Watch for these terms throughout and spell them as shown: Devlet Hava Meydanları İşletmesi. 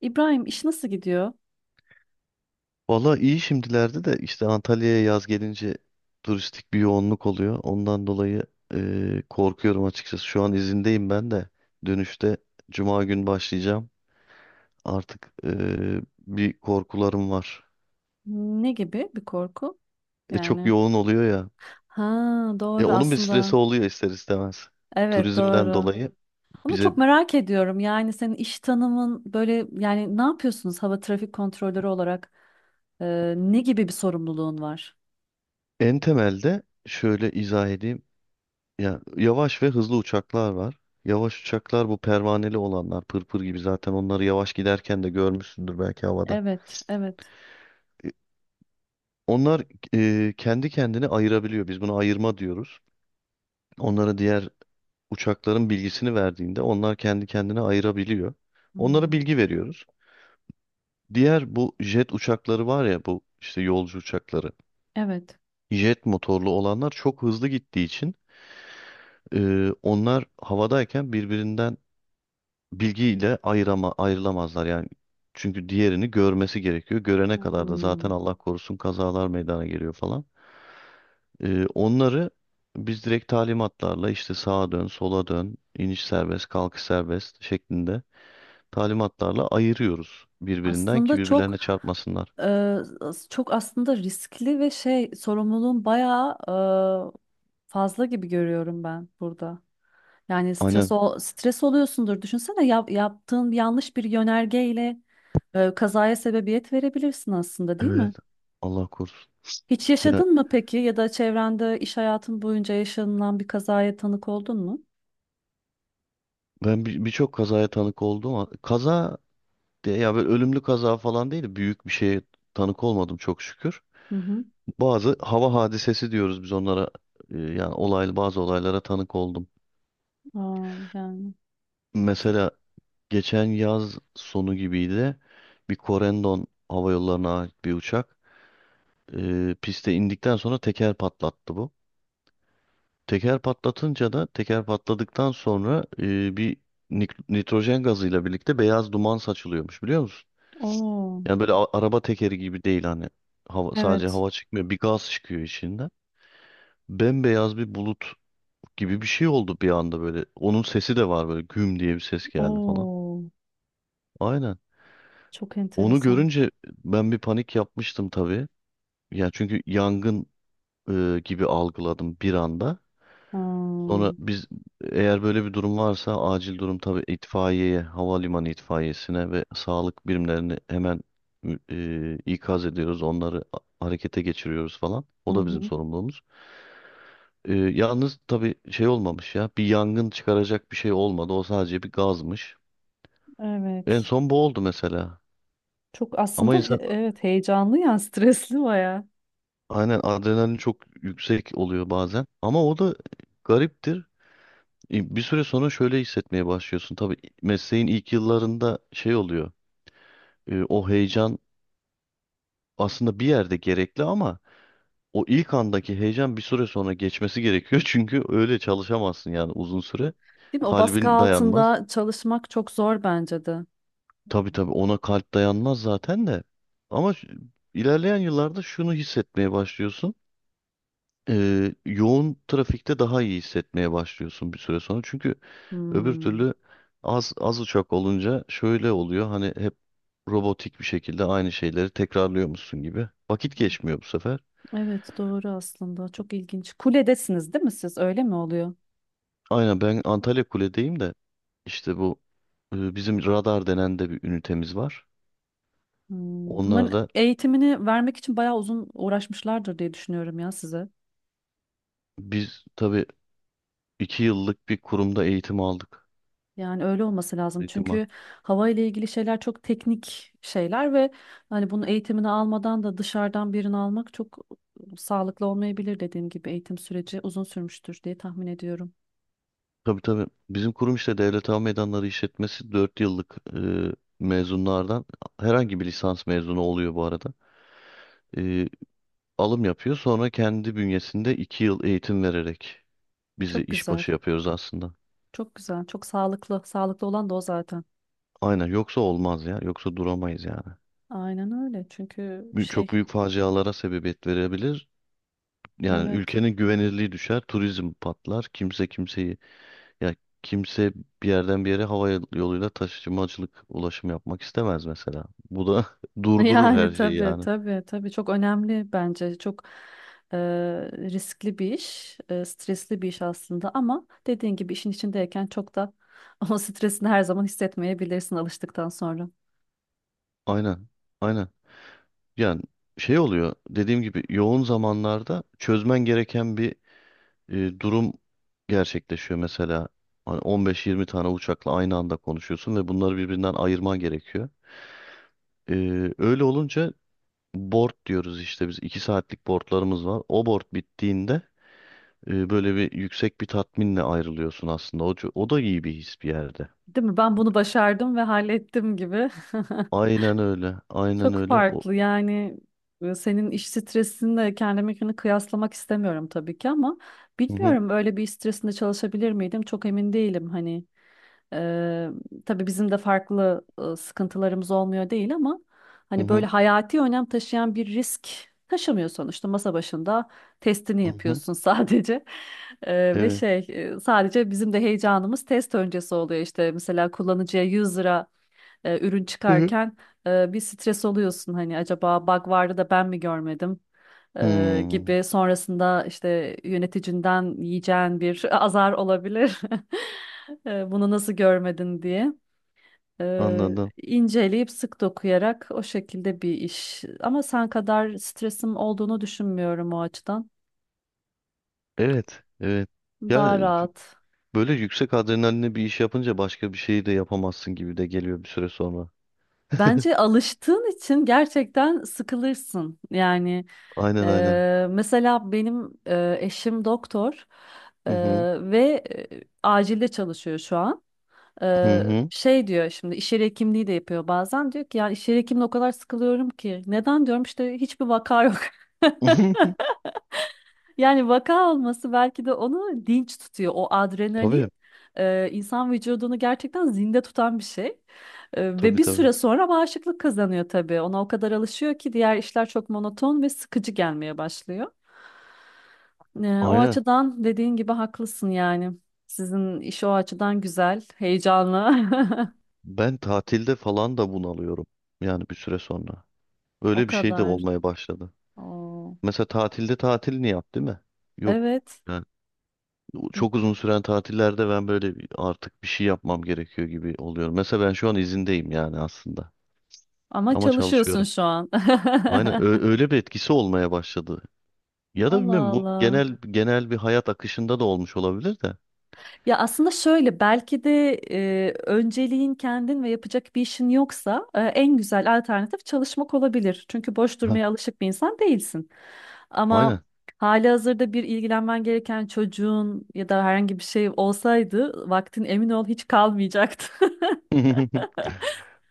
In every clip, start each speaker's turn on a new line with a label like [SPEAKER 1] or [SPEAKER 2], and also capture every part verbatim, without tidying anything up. [SPEAKER 1] İbrahim, iş nasıl gidiyor?
[SPEAKER 2] Valla iyi şimdilerde de işte Antalya'ya yaz gelince turistik bir yoğunluk oluyor. Ondan dolayı eee, korkuyorum açıkçası. Şu an izindeyim ben de. Dönüşte Cuma gün başlayacağım. Artık eee, bir korkularım var.
[SPEAKER 1] Ne gibi bir korku?
[SPEAKER 2] E, çok
[SPEAKER 1] Yani,
[SPEAKER 2] yoğun oluyor ya.
[SPEAKER 1] ha,
[SPEAKER 2] E,
[SPEAKER 1] doğru
[SPEAKER 2] onun bir
[SPEAKER 1] aslında.
[SPEAKER 2] stresi oluyor ister istemez.
[SPEAKER 1] Evet,
[SPEAKER 2] Turizmden
[SPEAKER 1] doğru.
[SPEAKER 2] dolayı
[SPEAKER 1] Ama
[SPEAKER 2] bize
[SPEAKER 1] çok merak ediyorum, yani senin iş tanımın böyle, yani ne yapıyorsunuz hava trafik kontrolörü olarak? Ee, ne gibi bir sorumluluğun var?
[SPEAKER 2] en temelde şöyle izah edeyim. Ya yavaş ve hızlı uçaklar var. Yavaş uçaklar bu pervaneli olanlar, pırpır gibi zaten onları yavaş giderken de görmüşsündür belki havada.
[SPEAKER 1] Evet, evet.
[SPEAKER 2] Onlar e, kendi kendini ayırabiliyor. Biz buna ayırma diyoruz. Onlara diğer uçakların bilgisini verdiğinde onlar kendi kendine ayırabiliyor. Onlara
[SPEAKER 1] Hmm,
[SPEAKER 2] bilgi veriyoruz. Diğer bu jet uçakları var ya, bu işte yolcu uçakları.
[SPEAKER 1] evet.
[SPEAKER 2] Jet motorlu olanlar çok hızlı gittiği için e, onlar havadayken birbirinden bilgiyle ayırama, ayrılamazlar yani. Çünkü diğerini görmesi gerekiyor. Görene kadar da zaten
[SPEAKER 1] Hmm.
[SPEAKER 2] Allah korusun kazalar meydana geliyor falan. Ee, onları biz direkt talimatlarla işte sağa dön, sola dön, iniş serbest, kalkış serbest şeklinde talimatlarla ayırıyoruz birbirinden ki
[SPEAKER 1] Aslında çok
[SPEAKER 2] birbirlerine çarpmasınlar.
[SPEAKER 1] e, çok aslında riskli ve şey, sorumluluğun bayağı e, fazla gibi görüyorum ben burada. Yani stres
[SPEAKER 2] Aynen.
[SPEAKER 1] ol, stres oluyorsundur. Düşünsene, yap- yaptığın yanlış bir yönergeyle e, kazaya sebebiyet verebilirsin aslında, değil mi?
[SPEAKER 2] Evet. Allah korusun.
[SPEAKER 1] Hiç
[SPEAKER 2] Ya
[SPEAKER 1] yaşadın mı peki ya da çevrende iş hayatın boyunca yaşanılan bir kazaya tanık oldun mu?
[SPEAKER 2] ben bir- birçok kazaya tanık oldum. ama- Kaza diye ya böyle ölümlü kaza falan değil de büyük bir şeye tanık olmadım çok şükür.
[SPEAKER 1] Hı hı.
[SPEAKER 2] Bazı hava hadisesi diyoruz biz onlara. Ee, Yani olaylı bazı olaylara tanık oldum.
[SPEAKER 1] Aa, yani çok.
[SPEAKER 2] Mesela geçen yaz sonu gibiydi. Bir Corendon Hava Yolları'na ait bir uçak. Ee, piste indikten sonra teker patlattı bu. Teker patlatınca da teker patladıktan sonra e, bir nik- nitrojen gazıyla birlikte beyaz duman saçılıyormuş biliyor musun?
[SPEAKER 1] Oo,
[SPEAKER 2] Yani böyle a- araba tekeri gibi değil hani hava, sadece
[SPEAKER 1] evet.
[SPEAKER 2] hava çıkmıyor, bir gaz çıkıyor içinden. Bembeyaz bir bulut gibi bir şey oldu bir anda böyle. Onun sesi de var, böyle güm diye bir ses geldi falan.
[SPEAKER 1] Oo,
[SPEAKER 2] Aynen.
[SPEAKER 1] çok
[SPEAKER 2] Onu
[SPEAKER 1] enteresan.
[SPEAKER 2] görünce ben bir panik yapmıştım tabii. Ya çünkü yangın e, gibi algıladım bir anda.
[SPEAKER 1] Aa,
[SPEAKER 2] Sonra biz eğer böyle bir durum varsa acil durum tabii itfaiyeye, havalimanı itfaiyesine ve sağlık birimlerini hemen e, ikaz ediyoruz. Onları a- harekete geçiriyoruz falan.
[SPEAKER 1] hı
[SPEAKER 2] O da bizim
[SPEAKER 1] hı.
[SPEAKER 2] sorumluluğumuz. E, yalnız tabii şey olmamış ya, bir yangın çıkaracak bir şey olmadı. O sadece bir gazmış. En
[SPEAKER 1] Evet.
[SPEAKER 2] son bu oldu mesela.
[SPEAKER 1] Çok
[SPEAKER 2] Ama
[SPEAKER 1] aslında he-
[SPEAKER 2] insan
[SPEAKER 1] evet, heyecanlı yani stresli bayağı.
[SPEAKER 2] aynen adrenalin çok yüksek oluyor bazen. Ama o da gariptir. Bir süre sonra şöyle hissetmeye başlıyorsun. Tabii mesleğin ilk yıllarında şey oluyor. e, O heyecan aslında bir yerde gerekli, ama o ilk andaki heyecan bir süre sonra geçmesi gerekiyor. Çünkü öyle çalışamazsın yani uzun süre.
[SPEAKER 1] Değil mi? O baskı
[SPEAKER 2] Kalbin dayanmaz.
[SPEAKER 1] altında çalışmak çok zor bence de.
[SPEAKER 2] Tabii tabii, ona kalp dayanmaz zaten de. Ama şu- ilerleyen yıllarda şunu hissetmeye başlıyorsun. E, yoğun trafikte daha iyi hissetmeye başlıyorsun bir süre sonra. Çünkü öbür
[SPEAKER 1] Hmm.
[SPEAKER 2] türlü az az uçak olunca şöyle oluyor. Hani hep robotik bir şekilde aynı şeyleri tekrarlıyormuşsun gibi. Vakit geçmiyor bu sefer.
[SPEAKER 1] Evet, doğru aslında. Çok ilginç. Kuledesiniz değil mi siz? Öyle mi oluyor?
[SPEAKER 2] Aynen, ben Antalya Kule'deyim de işte bu e, bizim radar denen de bir ünitemiz var.
[SPEAKER 1] Hmm. Bunların
[SPEAKER 2] Onlar da
[SPEAKER 1] eğitimini vermek için bayağı uzun uğraşmışlardır diye düşünüyorum ya size.
[SPEAKER 2] biz tabii iki yıllık bir kurumda eğitim aldık.
[SPEAKER 1] Yani öyle olması lazım.
[SPEAKER 2] Eğitim.
[SPEAKER 1] Çünkü hava ile ilgili şeyler çok teknik şeyler ve hani bunun eğitimini almadan da dışarıdan birini almak çok sağlıklı olmayabilir, dediğim gibi eğitim süreci uzun sürmüştür diye tahmin ediyorum.
[SPEAKER 2] Tabii tabii. Bizim kurum işte Devlet Hava Meydanları İşletmesi dört yıllık e, mezunlardan, herhangi bir lisans mezunu oluyor bu arada. E, Alım yapıyor, sonra kendi bünyesinde iki yıl eğitim vererek bizi
[SPEAKER 1] Çok güzel.
[SPEAKER 2] işbaşı yapıyoruz aslında.
[SPEAKER 1] Çok güzel. Çok sağlıklı. Sağlıklı olan da o zaten.
[SPEAKER 2] Aynen, yoksa olmaz ya, yoksa duramayız yani.
[SPEAKER 1] Aynen öyle. Çünkü
[SPEAKER 2] Bü- Çok
[SPEAKER 1] şey,
[SPEAKER 2] büyük facialara sebebiyet verebilir. Yani
[SPEAKER 1] evet.
[SPEAKER 2] ülkenin güvenirliği düşer, turizm patlar, kimse kimseyi. Ya kimse bir yerden bir yere hava yoluyla taşımacılık ulaşım yapmak istemez mesela. Bu da durdurur her
[SPEAKER 1] Yani
[SPEAKER 2] şeyi
[SPEAKER 1] tabii,
[SPEAKER 2] yani.
[SPEAKER 1] tabii, tabii, çok önemli bence, çok e, riskli bir iş, e, stresli bir iş aslında ama dediğin gibi işin içindeyken çok da o stresini her zaman hissetmeyebilirsin alıştıktan sonra.
[SPEAKER 2] Aynen. Aynen. Yani şey oluyor, dediğim gibi yoğun zamanlarda çözmen gereken bir e, durum gerçekleşiyor mesela. Hani on beş yirmi tane uçakla aynı anda konuşuyorsun ve bunları birbirinden ayırman gerekiyor. E, öyle olunca board diyoruz işte, biz iki saatlik boardlarımız var. O board bittiğinde e, böyle bir yüksek bir tatminle ayrılıyorsun aslında. O, ço- o da iyi bir his bir yerde.
[SPEAKER 1] Değil mi? Ben bunu başardım ve hallettim gibi.
[SPEAKER 2] Aynen öyle. Aynen
[SPEAKER 1] Çok
[SPEAKER 2] öyle. O,
[SPEAKER 1] farklı yani, e, senin iş stresinle kendimkini kıyaslamak istemiyorum tabii ki ama
[SPEAKER 2] hı hı,
[SPEAKER 1] bilmiyorum, öyle bir iş stresinde çalışabilir miydim çok emin değilim hani. Eee tabii bizim de farklı e, sıkıntılarımız olmuyor değil ama
[SPEAKER 2] hı
[SPEAKER 1] hani böyle
[SPEAKER 2] hı,
[SPEAKER 1] hayati önem taşıyan bir risk taşımıyor sonuçta. Masa başında testini
[SPEAKER 2] hı hı.
[SPEAKER 1] yapıyorsun sadece. Eee, ve
[SPEAKER 2] Evet.
[SPEAKER 1] şey, e, sadece bizim de heyecanımız test öncesi oluyor işte. Mesela kullanıcıya yüz lira e, ürün
[SPEAKER 2] Hı hı.
[SPEAKER 1] çıkarken e, bir stres oluyorsun, hani acaba bug vardı da ben mi görmedim e,
[SPEAKER 2] Hmm,
[SPEAKER 1] gibi, sonrasında işte yöneticinden yiyeceğin bir azar olabilir. E, bunu nasıl görmedin diye. E,
[SPEAKER 2] anladım.
[SPEAKER 1] inceleyip sık dokuyarak o şekilde bir iş. Ama sen kadar stresim olduğunu düşünmüyorum o açıdan.
[SPEAKER 2] Evet. Evet. Ya
[SPEAKER 1] Daha
[SPEAKER 2] e,
[SPEAKER 1] rahat.
[SPEAKER 2] böyle yüksek adrenalinle bir iş yapınca başka bir şeyi de yapamazsın gibi de geliyor bir süre sonra.
[SPEAKER 1] Bence alıştığın için gerçekten sıkılırsın. Yani,
[SPEAKER 2] Aynen aynen.
[SPEAKER 1] e, mesela benim e, eşim doktor, e,
[SPEAKER 2] Hı hı.
[SPEAKER 1] ve e, acilde çalışıyor şu an.
[SPEAKER 2] Hı
[SPEAKER 1] E,
[SPEAKER 2] hı.
[SPEAKER 1] Şey diyor, şimdi iş yeri hekimliği de yapıyor, bazen diyor ki ya iş yeri hekimliği o kadar sıkılıyorum ki. Neden diyorum, işte hiçbir vaka yok. Yani vaka olması belki de onu dinç tutuyor. O
[SPEAKER 2] Tabii.
[SPEAKER 1] adrenalin e, insan vücudunu gerçekten zinde tutan bir şey. E, ve
[SPEAKER 2] Tabii
[SPEAKER 1] bir
[SPEAKER 2] tabii.
[SPEAKER 1] süre sonra bağışıklık kazanıyor tabii. Ona o kadar alışıyor ki diğer işler çok monoton ve sıkıcı gelmeye başlıyor. E, o
[SPEAKER 2] Aynen.
[SPEAKER 1] açıdan dediğin gibi haklısın yani. Sizin iş o açıdan güzel, heyecanlı.
[SPEAKER 2] Ben tatilde falan da bunalıyorum. Yani bir süre sonra.
[SPEAKER 1] O
[SPEAKER 2] Öyle bir şey de
[SPEAKER 1] kadar.
[SPEAKER 2] olmaya başladı.
[SPEAKER 1] Oo.
[SPEAKER 2] Mesela tatilde tatilini yap, değil mi? Yok.
[SPEAKER 1] Evet.
[SPEAKER 2] Yani çok uzun süren tatillerde ben böyle bir- artık bir şey yapmam gerekiyor gibi oluyorum. Mesela ben şu an izindeyim yani aslında.
[SPEAKER 1] Ama
[SPEAKER 2] Ama
[SPEAKER 1] çalışıyorsun
[SPEAKER 2] çalışıyorum.
[SPEAKER 1] şu an.
[SPEAKER 2] Aynen ö- öyle bir etkisi olmaya başladı. Ya da
[SPEAKER 1] Allah
[SPEAKER 2] bilmiyorum, bu
[SPEAKER 1] Allah.
[SPEAKER 2] genel genel bir hayat akışında da olmuş olabilir de.
[SPEAKER 1] Ya aslında şöyle, belki de e, önceliğin kendin ve yapacak bir işin yoksa, e, en güzel alternatif çalışmak olabilir. Çünkü boş
[SPEAKER 2] Ha,
[SPEAKER 1] durmaya alışık bir insan değilsin. Ama
[SPEAKER 2] aynen.
[SPEAKER 1] halihazırda bir ilgilenmen gereken çocuğun ya da herhangi bir şey olsaydı vaktin emin ol hiç kalmayacaktı.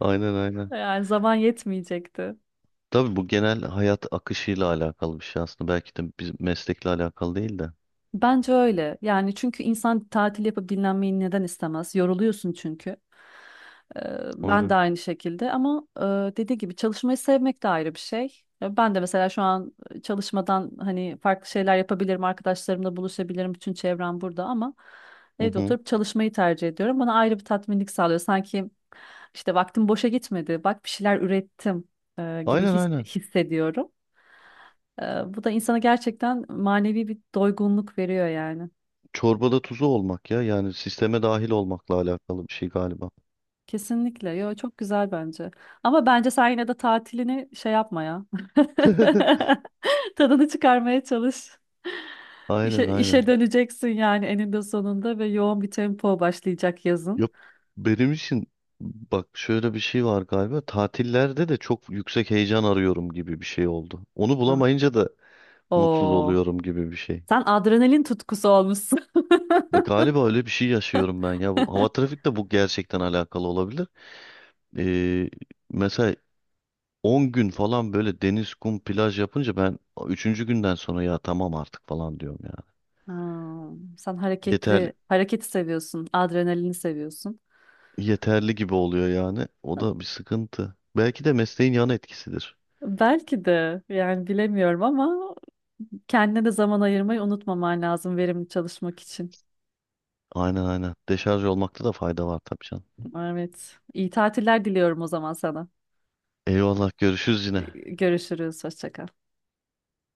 [SPEAKER 2] Aynen aynen.
[SPEAKER 1] Yani zaman yetmeyecekti.
[SPEAKER 2] Tabii bu genel hayat akışıyla alakalı bir şey aslında. Belki de bizim meslekle alakalı değil de.
[SPEAKER 1] Bence öyle. Yani çünkü insan tatil yapıp dinlenmeyi neden istemez? Yoruluyorsun çünkü. Ee, Ben de
[SPEAKER 2] Aynen.
[SPEAKER 1] aynı şekilde ama e, dediği gibi çalışmayı sevmek de ayrı bir şey. E, Ben de mesela şu an çalışmadan hani farklı şeyler yapabilirim, arkadaşlarımla buluşabilirim, bütün çevrem burada ama
[SPEAKER 2] Hı
[SPEAKER 1] evde
[SPEAKER 2] hı.
[SPEAKER 1] oturup çalışmayı tercih ediyorum. Bana ayrı bir tatminlik sağlıyor. Sanki işte vaktim boşa gitmedi, bak bir şeyler ürettim e, gibi
[SPEAKER 2] Aynen
[SPEAKER 1] his-
[SPEAKER 2] aynen.
[SPEAKER 1] hissediyorum. E, Bu da insana gerçekten manevi bir doygunluk veriyor yani.
[SPEAKER 2] Çorbada tuzu olmak ya. Yani sisteme dahil olmakla alakalı bir şey galiba.
[SPEAKER 1] Kesinlikle. Yo, çok güzel bence. Ama bence sen yine de tatilini şey yapma ya. Tadını çıkarmaya çalış.
[SPEAKER 2] Aynen
[SPEAKER 1] İşe, işe
[SPEAKER 2] aynen.
[SPEAKER 1] döneceksin yani eninde sonunda ve yoğun bir tempo başlayacak yazın.
[SPEAKER 2] Yok, benim için bak şöyle bir şey var galiba. Tatillerde de çok yüksek heyecan arıyorum gibi bir şey oldu. Onu
[SPEAKER 1] Ah.
[SPEAKER 2] bulamayınca da mutsuz
[SPEAKER 1] Oo.
[SPEAKER 2] oluyorum gibi bir şey.
[SPEAKER 1] Sen adrenalin tutkusu olmuşsun.
[SPEAKER 2] Bak, galiba öyle bir şey yaşıyorum ben ya. Bu, hava trafikte bu gerçekten alakalı olabilir. Ee, Mesela on gün falan böyle deniz, kum, plaj yapınca ben üçüncü günden sonra ya tamam artık falan diyorum ya.
[SPEAKER 1] Hmm, sen hareketli,
[SPEAKER 2] Yeter
[SPEAKER 1] hareketi seviyorsun, adrenalini seviyorsun.
[SPEAKER 2] Yeterli gibi oluyor yani. O da bir sıkıntı. Belki de mesleğin yan etkisidir.
[SPEAKER 1] Belki de, yani bilemiyorum ama kendine de zaman ayırmayı unutmaman lazım verimli çalışmak için.
[SPEAKER 2] Aynen aynen. Deşarj olmakta da fayda var tabii canım.
[SPEAKER 1] Evet. İyi tatiller diliyorum o zaman sana.
[SPEAKER 2] Eyvallah, görüşürüz yine.
[SPEAKER 1] Ee, Görüşürüz. Hoşça kal.